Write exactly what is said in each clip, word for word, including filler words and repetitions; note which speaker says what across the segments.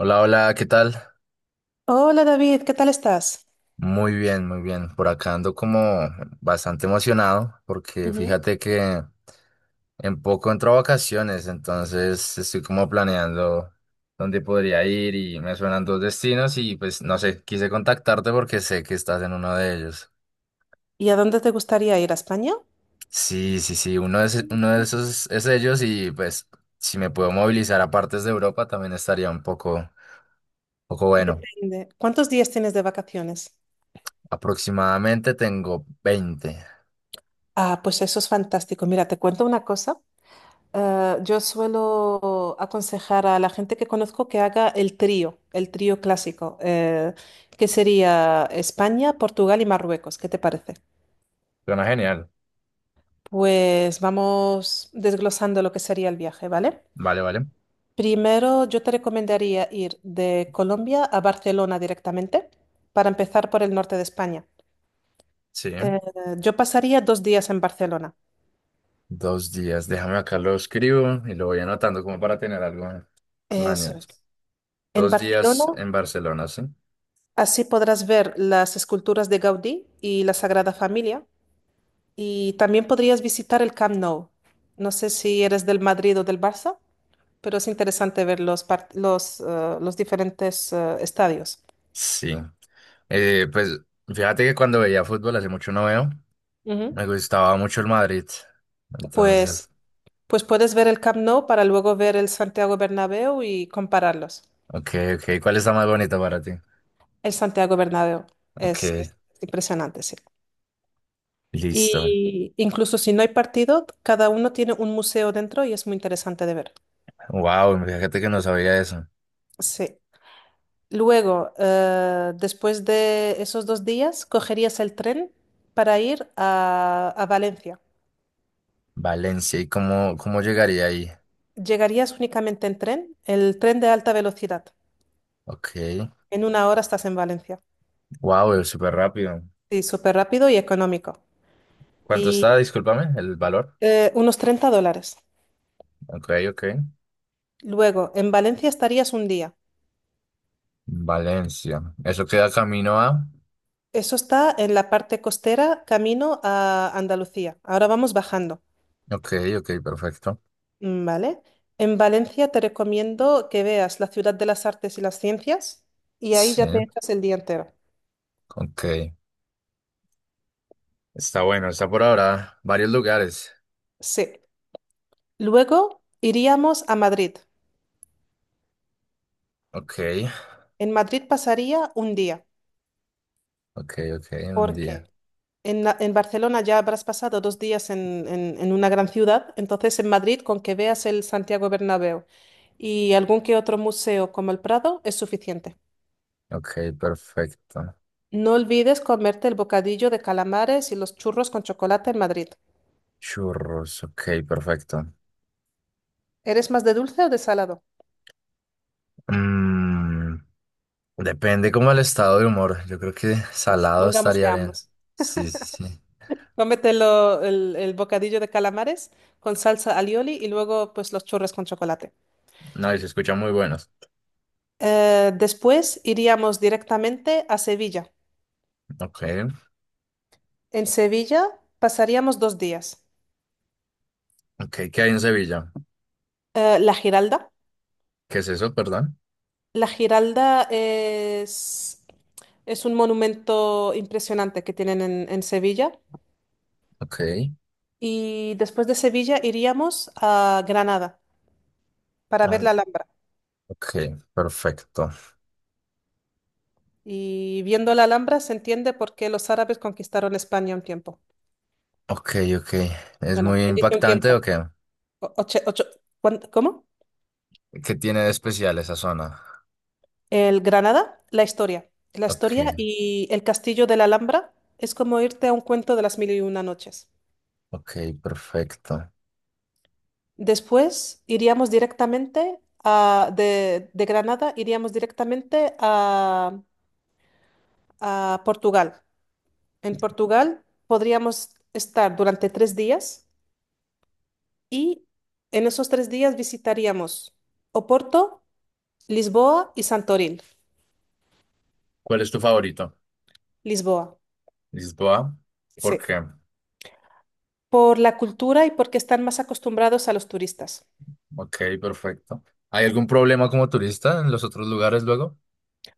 Speaker 1: Hola, hola, ¿qué tal?
Speaker 2: Hola David, ¿qué tal estás?
Speaker 1: Muy bien, muy bien. Por acá ando como bastante emocionado porque
Speaker 2: Ujú.
Speaker 1: fíjate que en poco entro a vacaciones, entonces estoy como planeando dónde podría ir y me suenan dos destinos y pues no sé, quise contactarte porque sé que estás en uno de ellos.
Speaker 2: ¿Y a dónde te gustaría ir? ¿A España?
Speaker 1: Sí, sí, sí, uno de, ese- uno de esos es ellos y pues si me puedo movilizar a partes de Europa también estaría un poco, poco bueno.
Speaker 2: Depende. ¿Cuántos días tienes de vacaciones?
Speaker 1: Aproximadamente tengo veinte.
Speaker 2: Ah, pues eso es fantástico. Mira, te cuento una cosa. Eh, yo suelo aconsejar a la gente que conozco que haga el trío, el trío clásico, eh, que sería España, Portugal y Marruecos. ¿Qué te parece?
Speaker 1: Suena genial.
Speaker 2: Pues vamos desglosando lo que sería el viaje, ¿vale?
Speaker 1: Vale, vale.
Speaker 2: Primero, yo te recomendaría ir de Colombia a Barcelona directamente para empezar por el norte de España.
Speaker 1: Sí,
Speaker 2: Eh, yo pasaría dos días en Barcelona.
Speaker 1: dos días. Déjame acá lo escribo y lo voy anotando como para tener algo
Speaker 2: Eso
Speaker 1: planeado.
Speaker 2: es. En
Speaker 1: Dos
Speaker 2: Barcelona,
Speaker 1: días en Barcelona, ¿sí?
Speaker 2: así podrás ver las esculturas de Gaudí y la Sagrada Familia. Y también podrías visitar el Camp Nou. No sé si eres del Madrid o del Barça, pero es interesante ver los, part- los, eh, los diferentes eh, estadios.
Speaker 1: Sí. Eh, pues fíjate que cuando veía fútbol hace mucho no veo, me
Speaker 2: Ujú.
Speaker 1: gustaba mucho el Madrid.
Speaker 2: Pues
Speaker 1: Entonces,
Speaker 2: Pues puedes ver el Camp Nou para luego ver el Santiago Bernabéu y compararlos.
Speaker 1: ok, ok. ¿Cuál está más bonito para ti?
Speaker 2: El Santiago Bernabéu es,
Speaker 1: Ok,
Speaker 2: es impresionante, sí.
Speaker 1: listo.
Speaker 2: Y incluso si no hay partido, cada uno tiene un museo dentro y es muy interesante de ver.
Speaker 1: Wow, fíjate que no sabía eso.
Speaker 2: Sí. Luego, eh, después de esos dos días, cogerías el tren para ir a, a Valencia.
Speaker 1: Valencia, ¿y cómo, cómo llegaría ahí?
Speaker 2: Llegarías únicamente en tren, el tren de alta velocidad.
Speaker 1: Ok,
Speaker 2: En una hora estás en Valencia.
Speaker 1: wow, súper rápido.
Speaker 2: Sí, súper rápido y económico.
Speaker 1: ¿Cuánto está?
Speaker 2: Y
Speaker 1: Discúlpame, el valor.
Speaker 2: Eh, unos treinta dólares.
Speaker 1: Ok, ok.
Speaker 2: Luego, en Valencia estarías un día.
Speaker 1: Valencia. Eso queda camino a.
Speaker 2: Eso está en la parte costera, camino a Andalucía. Ahora vamos bajando,
Speaker 1: Ok, ok, perfecto.
Speaker 2: mm, ¿vale? En Valencia te recomiendo que veas la ciudad de las artes y las ciencias y ahí
Speaker 1: Sí,
Speaker 2: ya te echas el día entero.
Speaker 1: ok. Está bueno, está por ahora. Varios lugares.
Speaker 2: Sí. Luego iríamos a Madrid.
Speaker 1: Ok,
Speaker 2: En Madrid pasaría un día.
Speaker 1: ok, ok, un
Speaker 2: ¿Por
Speaker 1: día.
Speaker 2: qué? En, la- en Barcelona ya habrás pasado dos días en, en- en una gran ciudad, entonces en Madrid con que veas el Santiago Bernabéu y algún que otro museo como el Prado es suficiente.
Speaker 1: Ok, perfecto.
Speaker 2: No olvides comerte el bocadillo de calamares y los churros con chocolate en Madrid.
Speaker 1: Churros, ok, perfecto.
Speaker 2: ¿Eres más de dulce o de salado?
Speaker 1: Mm, depende como el estado de humor. Yo creo que
Speaker 2: Pues
Speaker 1: salado
Speaker 2: pongámosle
Speaker 1: estaría bien.
Speaker 2: ambos.
Speaker 1: Sí, sí, sí.
Speaker 2: Cómetelo el, el bocadillo de calamares con salsa alioli y luego pues los churros con chocolate.
Speaker 1: No, y se escuchan muy buenos.
Speaker 2: Eh, después iríamos directamente a Sevilla.
Speaker 1: Ok,
Speaker 2: En Sevilla pasaríamos dos días.
Speaker 1: ok, ¿qué hay en Sevilla?
Speaker 2: Eh, la Giralda.
Speaker 1: ¿Qué es eso, perdón?
Speaker 2: La Giralda es, es un monumento impresionante que tienen en, en Sevilla.
Speaker 1: Ok,
Speaker 2: Y después de Sevilla iríamos a Granada para ver
Speaker 1: ah,
Speaker 2: la Alhambra.
Speaker 1: ok, perfecto.
Speaker 2: Y viendo la Alhambra se entiende por qué los árabes conquistaron España un tiempo.
Speaker 1: Ok, ok. ¿Es
Speaker 2: Bueno,
Speaker 1: muy
Speaker 2: ¿quién dice un
Speaker 1: impactante o
Speaker 2: tiempo?
Speaker 1: qué?
Speaker 2: O- ocho- ocho- ¿cuán- ¿Cómo?
Speaker 1: ¿Qué tiene de especial esa zona?
Speaker 2: El Granada, la historia. La
Speaker 1: Ok,
Speaker 2: historia y el castillo de la Alhambra es como irte a un cuento de las mil y una noches.
Speaker 1: ok, perfecto.
Speaker 2: Después iríamos directamente a, de, de Granada, iríamos directamente a, a Portugal. En Portugal podríamos estar durante tres días y en esos tres días visitaríamos Oporto, Lisboa y Santorín.
Speaker 1: ¿Cuál es tu favorito?
Speaker 2: Lisboa,
Speaker 1: ¿Dices tú, ah, ¿Por
Speaker 2: sí.
Speaker 1: qué?
Speaker 2: Por la cultura y porque están más acostumbrados a los turistas.
Speaker 1: Ok, perfecto. ¿Hay algún problema como turista en los otros lugares luego?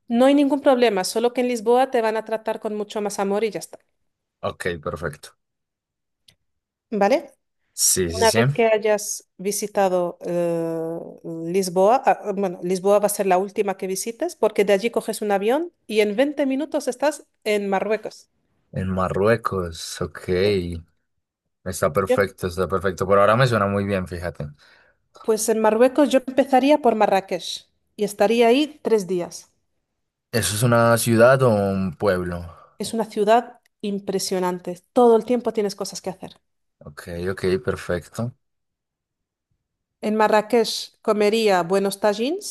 Speaker 2: No hay ningún problema, solo que en Lisboa te van a tratar con mucho más amor y ya está.
Speaker 1: Ok, perfecto.
Speaker 2: ¿Vale?
Speaker 1: Sí, sí,
Speaker 2: Una
Speaker 1: sí.
Speaker 2: vez que hayas visitado eh, Lisboa, ah, bueno, Lisboa va a ser la última que visites porque de allí coges un avión y en veinte minutos estás en Marruecos.
Speaker 1: En Marruecos,
Speaker 2: Sí.
Speaker 1: ok. Está
Speaker 2: Yo-
Speaker 1: perfecto, está perfecto. Por ahora me suena muy bien, fíjate.
Speaker 2: Pues en Marruecos yo empezaría por Marrakech y estaría ahí tres días.
Speaker 1: ¿Eso es una ciudad o un pueblo?
Speaker 2: Es una ciudad impresionante. Todo el tiempo tienes cosas que hacer.
Speaker 1: Ok, ok, perfecto.
Speaker 2: En Marrakech comería buenos tagines.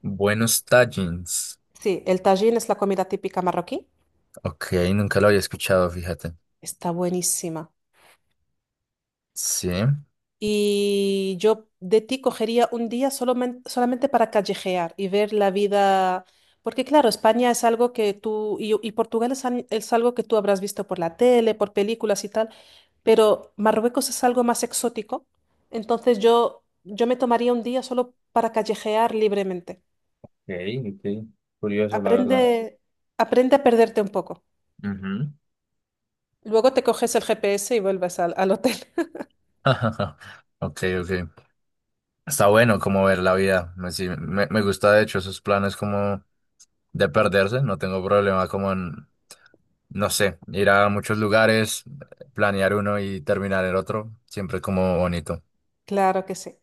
Speaker 1: Buenos Tagines.
Speaker 2: Sí, el tagine es la comida típica marroquí.
Speaker 1: Ok, nunca lo había escuchado, fíjate.
Speaker 2: Está buenísima.
Speaker 1: Sí. Ok,
Speaker 2: Y yo de ti cogería un día solamente, solamente para callejear y ver la vida, porque claro, España es algo que tú, y, y Portugal es, al- es algo que tú habrás visto por la tele, por películas y tal, pero Marruecos es algo más exótico, entonces yo, yo me tomaría un día solo para callejear libremente.
Speaker 1: ok. Curioso, la
Speaker 2: Aprende,
Speaker 1: verdad.
Speaker 2: aprende a perderte un poco.
Speaker 1: Ujú.
Speaker 2: Luego te coges el G P S y vuelves al al hotel.
Speaker 1: Ok, ok. Está bueno como ver la vida. Me, sí, me, me gusta de hecho esos planes como de perderse. No tengo problema como en, no sé, ir a muchos lugares, planear uno y terminar el otro. Siempre como bonito.
Speaker 2: Claro que sí.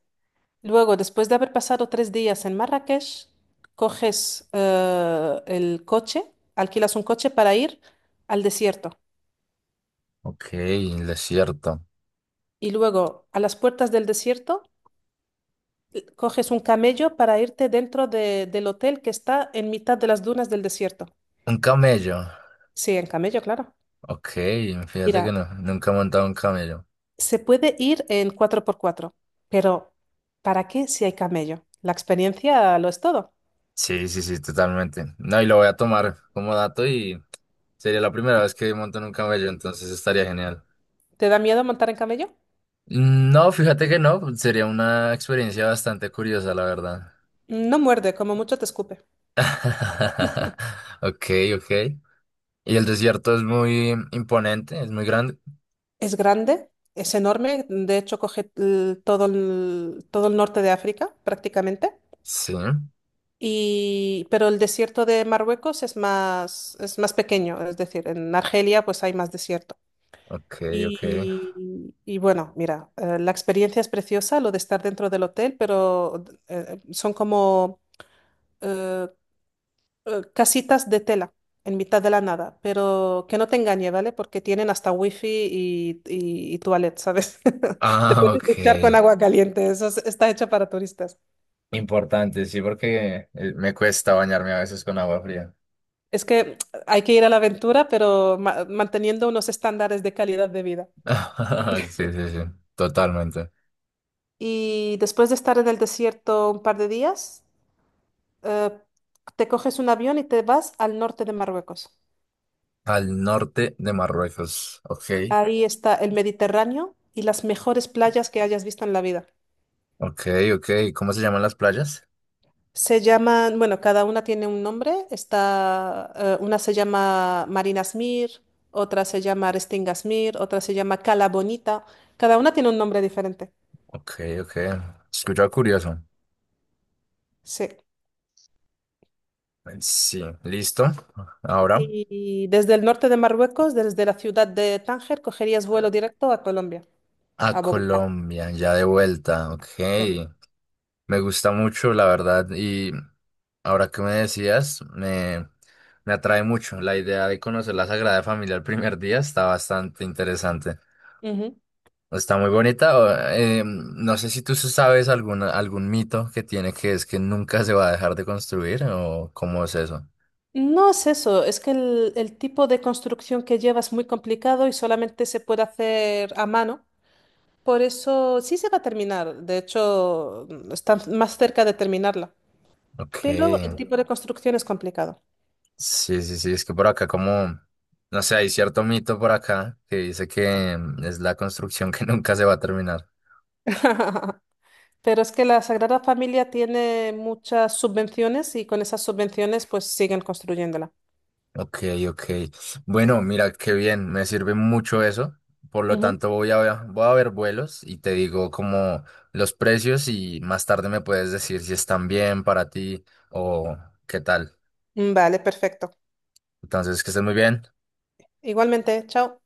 Speaker 2: Luego, después de haber pasado tres días en Marrakech, coges eh, el coche, alquilas un coche para ir al desierto.
Speaker 1: Ok, el desierto.
Speaker 2: Y luego, a las puertas del desierto, coges un camello para irte dentro de- del hotel que está en mitad de las dunas del desierto.
Speaker 1: Un camello.
Speaker 2: Sí, en camello, claro.
Speaker 1: Ok, fíjate que
Speaker 2: Mira,
Speaker 1: no, nunca he montado un camello.
Speaker 2: se puede ir en cuatro por cuatro, pero ¿para qué si hay camello? La experiencia lo es todo.
Speaker 1: Sí, sí, sí, totalmente. No, y lo voy a tomar como dato y sería la primera vez que monto en un camello, entonces estaría genial.
Speaker 2: ¿Te da miedo montar en camello?
Speaker 1: Mm, No, fíjate que no, sería una experiencia bastante curiosa, la verdad.
Speaker 2: No muerde, como mucho te escupe.
Speaker 1: Ok, ok. Y el desierto es muy imponente, es muy grande.
Speaker 2: Es grande, es enorme, de hecho coge el- todo el, todo el norte de África prácticamente,
Speaker 1: Sí,
Speaker 2: y, pero el desierto de Marruecos es más, es más pequeño, es decir, en Argelia pues hay más desierto.
Speaker 1: ok, ok.
Speaker 2: Y, y bueno, mira, eh, la experiencia es preciosa, lo de estar dentro del hotel, pero eh, son como, eh, eh, casitas de tela en mitad de la nada, pero que no te engañe, ¿vale? Porque tienen hasta wifi y, y, y toilet, ¿sabes? Te
Speaker 1: Ah,
Speaker 2: puedes
Speaker 1: ok.
Speaker 2: duchar con agua caliente, eso es- está hecho para turistas.
Speaker 1: Importante, sí, porque eh, me cuesta bañarme a veces con agua fría.
Speaker 2: Es que hay que ir a la aventura, pero ma- manteniendo unos estándares de calidad de vida.
Speaker 1: Sí, sí, sí, totalmente.
Speaker 2: Y después de estar en el desierto un par de días, eh, te coges un avión y te vas al norte de Marruecos.
Speaker 1: Al norte de Marruecos. Ok,
Speaker 2: Ahí está el Mediterráneo y las mejores playas que hayas visto en la vida.
Speaker 1: ok, ok. ¿Cómo se llaman las playas?
Speaker 2: Se llaman, bueno, cada una tiene un nombre. Está, eh, una se llama Marina Smir, otra se llama Restinga Smir, otra se llama Cala Bonita. Cada una tiene un nombre diferente.
Speaker 1: Ok, ok. Escucha curioso.
Speaker 2: Sí.
Speaker 1: Sí, listo. Ahora
Speaker 2: Y desde el norte de Marruecos, desde la ciudad de Tánger, cogerías vuelo directo a Colombia,
Speaker 1: a
Speaker 2: a Bogotá.
Speaker 1: Colombia, ya de vuelta. Ok.
Speaker 2: Sí.
Speaker 1: Me gusta mucho, la verdad. Y ahora que me decías, me, me atrae mucho. La idea de conocer la Sagrada Familia el primer día está bastante interesante.
Speaker 2: Ujú.
Speaker 1: Está muy bonita. Eh, no sé si tú sabes algún, algún mito que tiene que es que nunca se va a dejar de construir o cómo es eso.
Speaker 2: No es eso, es que el, el tipo de construcción que lleva es muy complicado y solamente se puede hacer a mano. Por eso sí se va a terminar, de hecho están más cerca de terminarla,
Speaker 1: Ok.
Speaker 2: pero el tipo de construcción es complicado.
Speaker 1: Sí, sí, sí. Es que por acá como, no sé, hay cierto mito por acá que dice que mm, es la construcción que nunca se va a terminar.
Speaker 2: Pero es que la Sagrada Familia tiene muchas subvenciones y con esas subvenciones pues siguen construyéndola.
Speaker 1: Ok, ok. Bueno, mira, qué bien. Me sirve mucho eso. Por lo
Speaker 2: Ujú.
Speaker 1: tanto, voy a, voy a ver vuelos y te digo como los precios y más tarde me puedes decir si están bien para ti o qué tal.
Speaker 2: Vale, perfecto.
Speaker 1: Entonces, que estén muy bien.
Speaker 2: Igualmente, chao.